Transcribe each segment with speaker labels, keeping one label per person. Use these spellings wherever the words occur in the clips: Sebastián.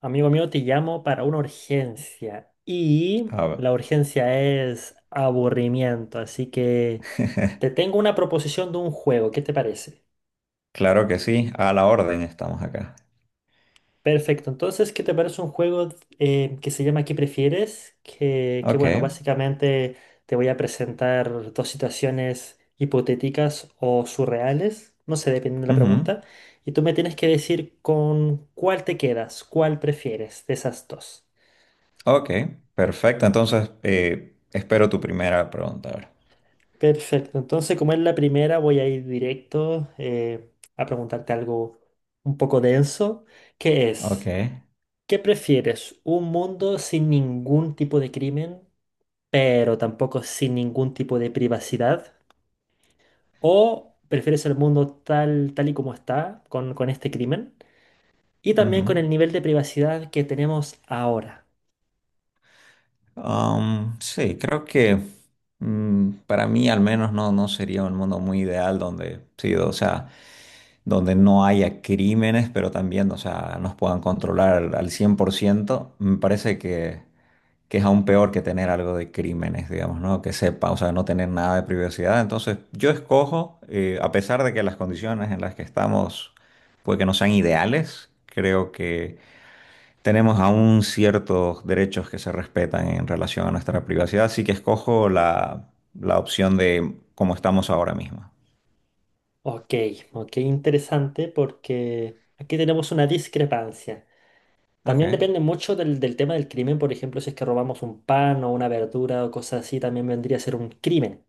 Speaker 1: Amigo mío, te llamo para una urgencia y
Speaker 2: A ver.
Speaker 1: la urgencia es aburrimiento, así que te tengo una proposición de un juego, ¿qué te parece?
Speaker 2: Claro que sí, a la orden estamos acá.
Speaker 1: Perfecto, entonces, ¿qué te parece un juego que se llama ¿Qué prefieres? Que
Speaker 2: Ok.
Speaker 1: bueno, básicamente te voy a presentar dos situaciones hipotéticas o surreales, no sé, dependiendo de la
Speaker 2: Ujú.
Speaker 1: pregunta, y tú me tienes que decir con cuál te quedas, cuál prefieres de esas dos.
Speaker 2: Ok. Perfecto. Entonces, espero tu primera pregunta ahora.
Speaker 1: Perfecto, entonces como es la primera voy a ir directo a preguntarte algo un poco denso, que
Speaker 2: Ok.
Speaker 1: es, ¿qué prefieres? ¿Un mundo sin ningún tipo de crimen, pero tampoco sin ningún tipo de privacidad? ¿O prefieres el mundo tal y como está con este crimen? Y
Speaker 2: Ujú.
Speaker 1: también con el nivel de privacidad que tenemos ahora.
Speaker 2: Sí, creo que para mí al menos no, no sería un mundo muy ideal donde, sí, o sea, donde no haya crímenes, pero también, o sea, nos puedan controlar al 100%. Me parece que es aún peor que tener algo de crímenes, digamos, ¿no? Que sepa, o sea, no tener nada de privacidad. Entonces, yo escojo, a pesar de que las condiciones en las que estamos, pues que no sean ideales, creo que tenemos aún ciertos derechos que se respetan en relación a nuestra privacidad, así que escojo la opción de cómo estamos ahora mismo.
Speaker 1: Ok, ok, interesante porque aquí tenemos una discrepancia.
Speaker 2: Ok.
Speaker 1: También depende mucho del tema del crimen, por ejemplo, si es que robamos un pan o una verdura o cosas así, también vendría a ser un crimen.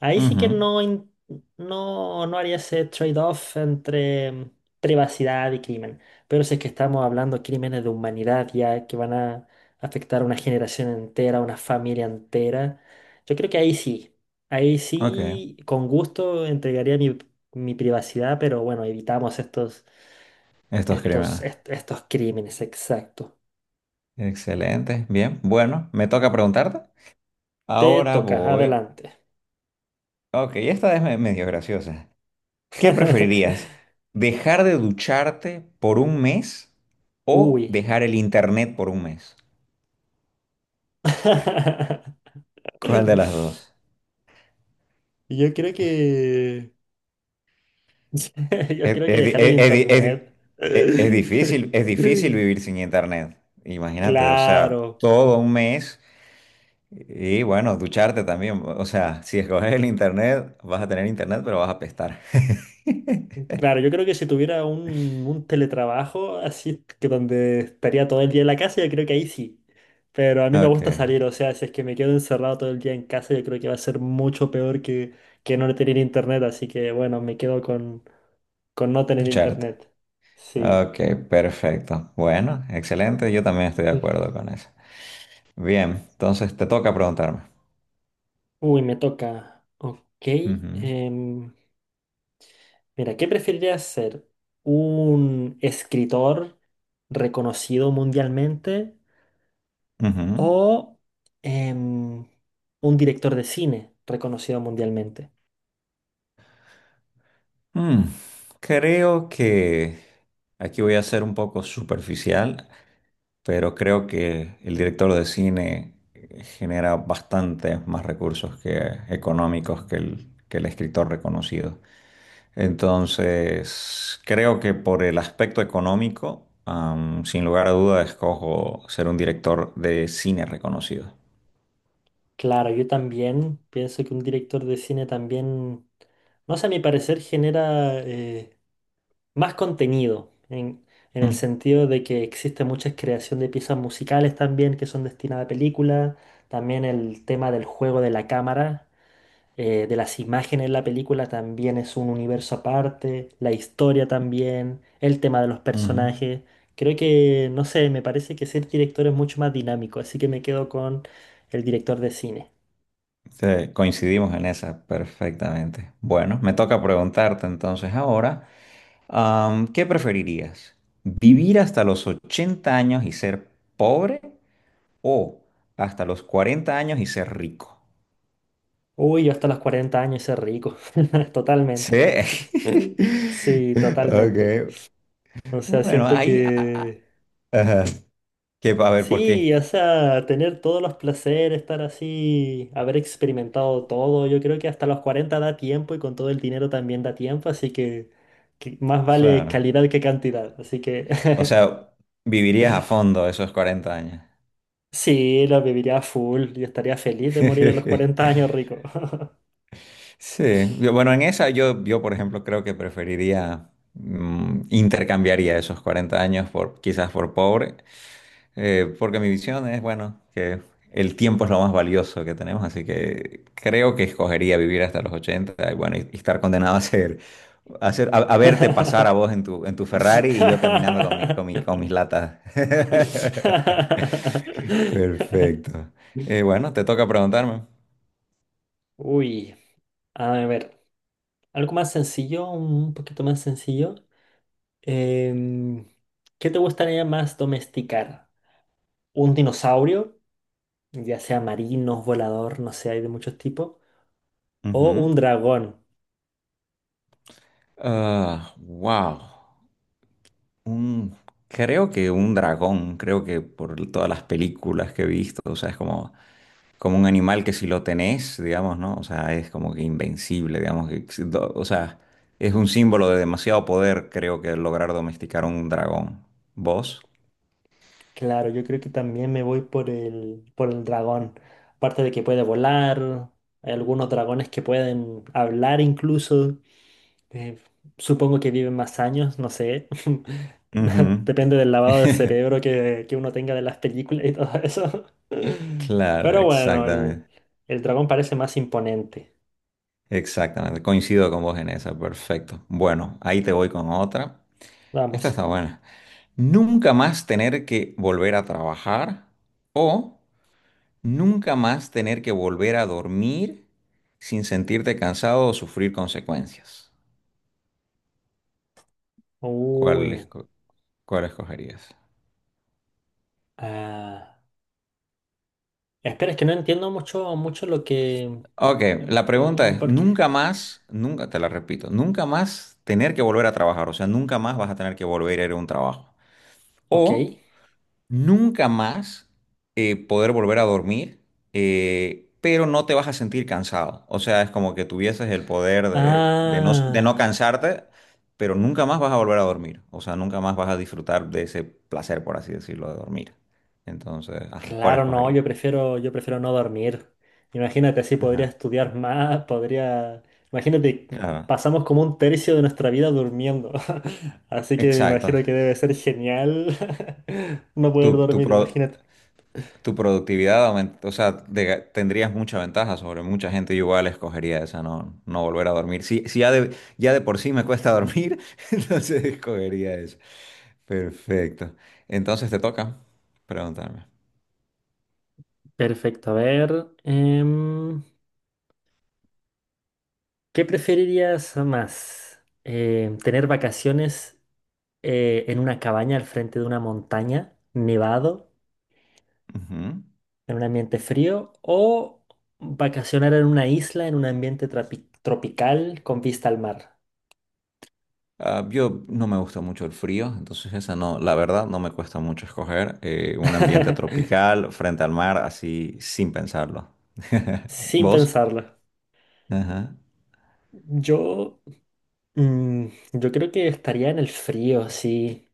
Speaker 1: Ahí sí
Speaker 2: Ujú.
Speaker 1: que no, no haría ese trade-off entre privacidad y crimen. Pero si es que estamos hablando de crímenes de humanidad ya que van a afectar a una generación entera, a una familia entera, yo creo que ahí
Speaker 2: Ok.
Speaker 1: sí, con gusto entregaría mi, mi privacidad, pero bueno, evitamos estos,
Speaker 2: Estos crímenes.
Speaker 1: estos crímenes, exacto.
Speaker 2: Excelente, bien, bueno, me toca preguntarte.
Speaker 1: Te
Speaker 2: Ahora
Speaker 1: toca,
Speaker 2: voy.
Speaker 1: adelante.
Speaker 2: Ok, esta es medio graciosa. ¿Qué preferirías? ¿Dejar de ducharte por un mes o
Speaker 1: Uy.
Speaker 2: dejar el internet por un mes? ¿Cuál de las dos?
Speaker 1: Yo creo que... Yo
Speaker 2: Es,
Speaker 1: creo que
Speaker 2: es di-
Speaker 1: dejar el
Speaker 2: es- es di- es di-
Speaker 1: internet.
Speaker 2: es- es difícil, es difícil vivir sin internet. Imagínate, o sea,
Speaker 1: Claro,
Speaker 2: todo un mes y bueno, ducharte también. O sea, si escoges el internet, vas a tener internet, pero vas a apestar.
Speaker 1: claro, yo creo que si tuviera un teletrabajo así, que donde estaría todo el día en la casa, yo creo que ahí sí. Pero a mí me
Speaker 2: Ok,
Speaker 1: gusta salir, o sea, si es que me quedo encerrado todo el día en casa, yo creo que va a ser mucho peor que no tener internet, así que bueno, me quedo con no tener
Speaker 2: ducharte.
Speaker 1: internet. Sí.
Speaker 2: Ok, perfecto. Bueno, excelente. Yo también estoy de
Speaker 1: Mm.
Speaker 2: acuerdo con eso. Bien, entonces te toca preguntarme.
Speaker 1: Uy, me toca. Ok.
Speaker 2: Ujú.
Speaker 1: em, mira, ¿qué preferirías ser? ¿Un escritor reconocido mundialmente
Speaker 2: Ujú.
Speaker 1: o em, un director de cine reconocido mundialmente?
Speaker 2: Mm. Creo que aquí voy a ser un poco superficial, pero creo que el director de cine genera bastantes más recursos que económicos que el escritor reconocido. Entonces, creo que por el aspecto económico, sin lugar a duda, escojo ser un director de cine reconocido.
Speaker 1: Claro, yo también pienso que un director de cine también, no sé, a mi parecer genera... más contenido, en el
Speaker 2: Mm.
Speaker 1: sentido de que existe mucha creación de piezas musicales también que son destinadas a películas, también el tema del juego de la cámara, de las imágenes en la película también es un universo aparte, la historia también, el tema de los
Speaker 2: Ujú.
Speaker 1: personajes. Creo que, no sé, me parece que ser director es mucho más dinámico, así que me quedo con el director de cine.
Speaker 2: Sí, coincidimos en esa perfectamente. Bueno, me toca preguntarte entonces ahora, ¿qué preferirías? ¿Vivir hasta los 80 años y ser pobre o hasta los 40 años y ser rico?
Speaker 1: Uy, yo hasta los 40 años ser rico,
Speaker 2: Sí.
Speaker 1: totalmente. Sí,
Speaker 2: Ok.
Speaker 1: totalmente. O sea,
Speaker 2: Bueno,
Speaker 1: siento
Speaker 2: ahí, a- a-
Speaker 1: que
Speaker 2: ajá. Que, a ver, ¿por
Speaker 1: sí, o
Speaker 2: qué?
Speaker 1: sea, tener todos los placeres, estar así, haber experimentado todo, yo creo que hasta los 40 da tiempo y con todo el dinero también da tiempo, así que más vale
Speaker 2: Claro.
Speaker 1: calidad que cantidad. Así que
Speaker 2: O sea, vivirías a fondo esos 40 años.
Speaker 1: sí, lo viviría a full y estaría feliz de morir a los cuarenta años rico.
Speaker 2: Sí, bueno, en esa por ejemplo, creo que preferiría, intercambiaría esos 40 años por quizás por pobre, porque mi visión es, bueno, que el tiempo es lo más valioso que tenemos, así que creo que escogería vivir hasta los 80 y bueno, y estar condenado a verte pasar a vos en tu Ferrari y yo caminando con con mis latas. Perfecto. Bueno, te toca preguntarme.
Speaker 1: Uy, a ver, algo más sencillo, un poquito más sencillo. Em, ¿Qué te gustaría más domesticar? ¿Un dinosaurio, ya sea marino, volador, no sé, hay de muchos tipos? ¿O
Speaker 2: Ujú.
Speaker 1: un dragón?
Speaker 2: Ah, wow. Un, creo que un dragón, creo que por todas las películas que he visto, o sea, es como, como un animal que si lo tenés, digamos, ¿no? O sea, es como que invencible, digamos, que, si do- o sea, es un símbolo de demasiado poder, creo que lograr domesticar un dragón. ¿Vos?
Speaker 1: Claro, yo creo que también me voy por el dragón. Aparte de que puede volar, hay algunos dragones que pueden hablar incluso. Eh, supongo que viven más años, no sé.
Speaker 2: Ujú.
Speaker 1: Depende del lavado de cerebro que uno tenga de las películas y todo eso.
Speaker 2: Claro,
Speaker 1: Pero bueno,
Speaker 2: exactamente.
Speaker 1: el dragón parece más imponente.
Speaker 2: Exactamente. Coincido con vos en esa. Perfecto. Bueno, ahí te voy con otra. Esta está
Speaker 1: Vamos.
Speaker 2: buena. Nunca más tener que volver a trabajar o nunca más tener que volver a dormir sin sentirte cansado o sufrir consecuencias. ¿Cuál,
Speaker 1: Uy.
Speaker 2: esco- cuál escogerías?
Speaker 1: ah, Espera, es que no entiendo mucho lo que...
Speaker 2: Ok, la pregunta
Speaker 1: oh,
Speaker 2: es,
Speaker 1: ¿Por qué?
Speaker 2: nunca más, nunca, te la repito, nunca más tener que volver a trabajar, o sea, nunca más vas a tener que volver a ir a un trabajo.
Speaker 1: Ok.
Speaker 2: O nunca más poder volver a dormir, pero no te vas a sentir cansado. O sea, es como que tuvieses el poder de no
Speaker 1: Ah.
Speaker 2: cansarte, pero nunca más vas a volver a dormir. O sea, nunca más vas a disfrutar de ese placer, por así decirlo, de dormir. Entonces, ajá, ¿cuál
Speaker 1: Claro, no,
Speaker 2: escogerías?
Speaker 1: yo prefiero no dormir. Imagínate, así podría
Speaker 2: Ajá,
Speaker 1: estudiar más, podría... Imagínate,
Speaker 2: claro.
Speaker 1: pasamos como un tercio de nuestra vida durmiendo. Así que me
Speaker 2: Exacto.
Speaker 1: imagino que debe ser genial no
Speaker 2: Tu,
Speaker 1: poder
Speaker 2: tu
Speaker 1: dormir,
Speaker 2: pro-
Speaker 1: imagínate.
Speaker 2: Tu productividad aumenta, o sea, de- tendrías mucha ventaja sobre mucha gente. Yo igual escogería esa, no, no volver a dormir. Si, si ya de, ya de por sí me cuesta dormir, entonces escogería eso. Perfecto. Entonces te toca preguntarme.
Speaker 1: Perfecto, a ver. ¿Qué preferirías más? Em, ¿tener vacaciones en una cabaña al frente de una montaña, nevado?
Speaker 2: Ujú.
Speaker 1: ¿En un ambiente frío o vacacionar en una isla en un ambiente tropical con vista al mar?
Speaker 2: Ah, yo no me gusta mucho el frío, entonces esa no, la verdad no me cuesta mucho escoger un ambiente tropical frente al mar, así sin pensarlo.
Speaker 1: Sin
Speaker 2: ¿Vos?
Speaker 1: pensarlo.
Speaker 2: Ajá.
Speaker 1: Yo, mm, yo creo que estaría en el frío, sí.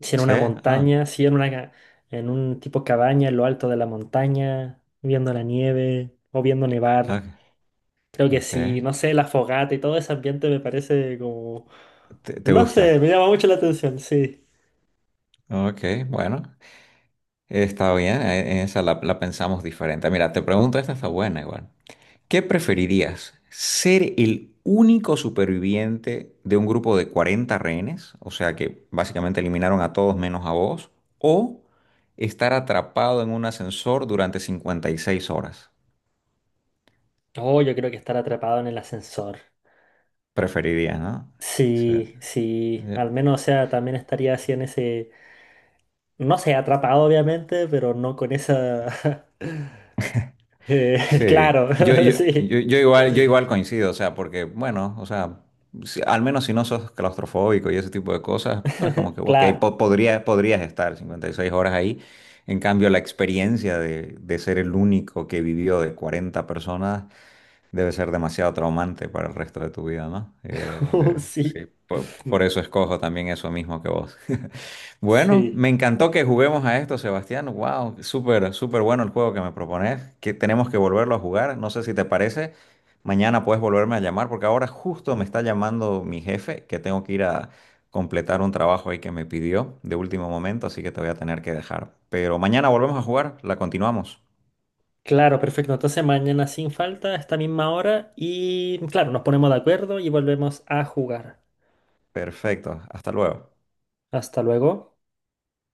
Speaker 1: Si en
Speaker 2: Sí.
Speaker 1: una
Speaker 2: Ah.
Speaker 1: montaña, si en una, en un tipo cabaña en lo alto de la montaña, viendo la nieve o viendo nevar.
Speaker 2: Ok.
Speaker 1: Creo que
Speaker 2: Ok.
Speaker 1: sí, no sé, la fogata y todo ese ambiente me parece como...
Speaker 2: ¿Te
Speaker 1: No sé,
Speaker 2: gusta?
Speaker 1: me llama mucho la atención, sí.
Speaker 2: Ok, bueno, está bien, en esa la pensamos diferente. Mira, te pregunto, esta está buena igual. ¿Qué preferirías? ¿Ser el único superviviente de un grupo de 40 rehenes? O sea que básicamente eliminaron a todos menos a vos. ¿O estar atrapado en un ascensor durante 56 horas?
Speaker 1: Oh, yo creo que estar atrapado en el ascensor.
Speaker 2: Preferirías, ¿no? Sí.
Speaker 1: Sí, sí,
Speaker 2: eh,
Speaker 1: al menos, o sea, también estaría así en ese, no sé, atrapado obviamente, pero no con esa... eh,
Speaker 2: Sí,
Speaker 1: claro, sí,
Speaker 2: yo igual coincido, o sea, porque, bueno, o sea, al menos si no sos claustrofóbico y ese tipo de cosas, pues como que, ok,
Speaker 1: claro,
Speaker 2: podrías estar 56 horas ahí. En cambio, la experiencia de ser el único que vivió de 40 personas debe ser demasiado traumante para el resto de tu vida, ¿no? Eh, de-
Speaker 1: sí,
Speaker 2: sí, por eso escojo también eso mismo que vos. Bueno,
Speaker 1: sí,
Speaker 2: me encantó que juguemos a esto, Sebastián. Wow, súper, súper bueno el juego que me propones. Que tenemos que volverlo a jugar. No sé si te parece. Mañana puedes volverme a llamar porque ahora justo me está llamando mi jefe que tengo que ir a completar un trabajo ahí que me pidió de último momento, así que te voy a tener que dejar. Pero mañana volvemos a jugar, la continuamos.
Speaker 1: claro, perfecto. Entonces mañana sin falta, a esta misma hora, y claro, nos ponemos de acuerdo y volvemos a jugar.
Speaker 2: Perfecto, hasta luego.
Speaker 1: Hasta luego.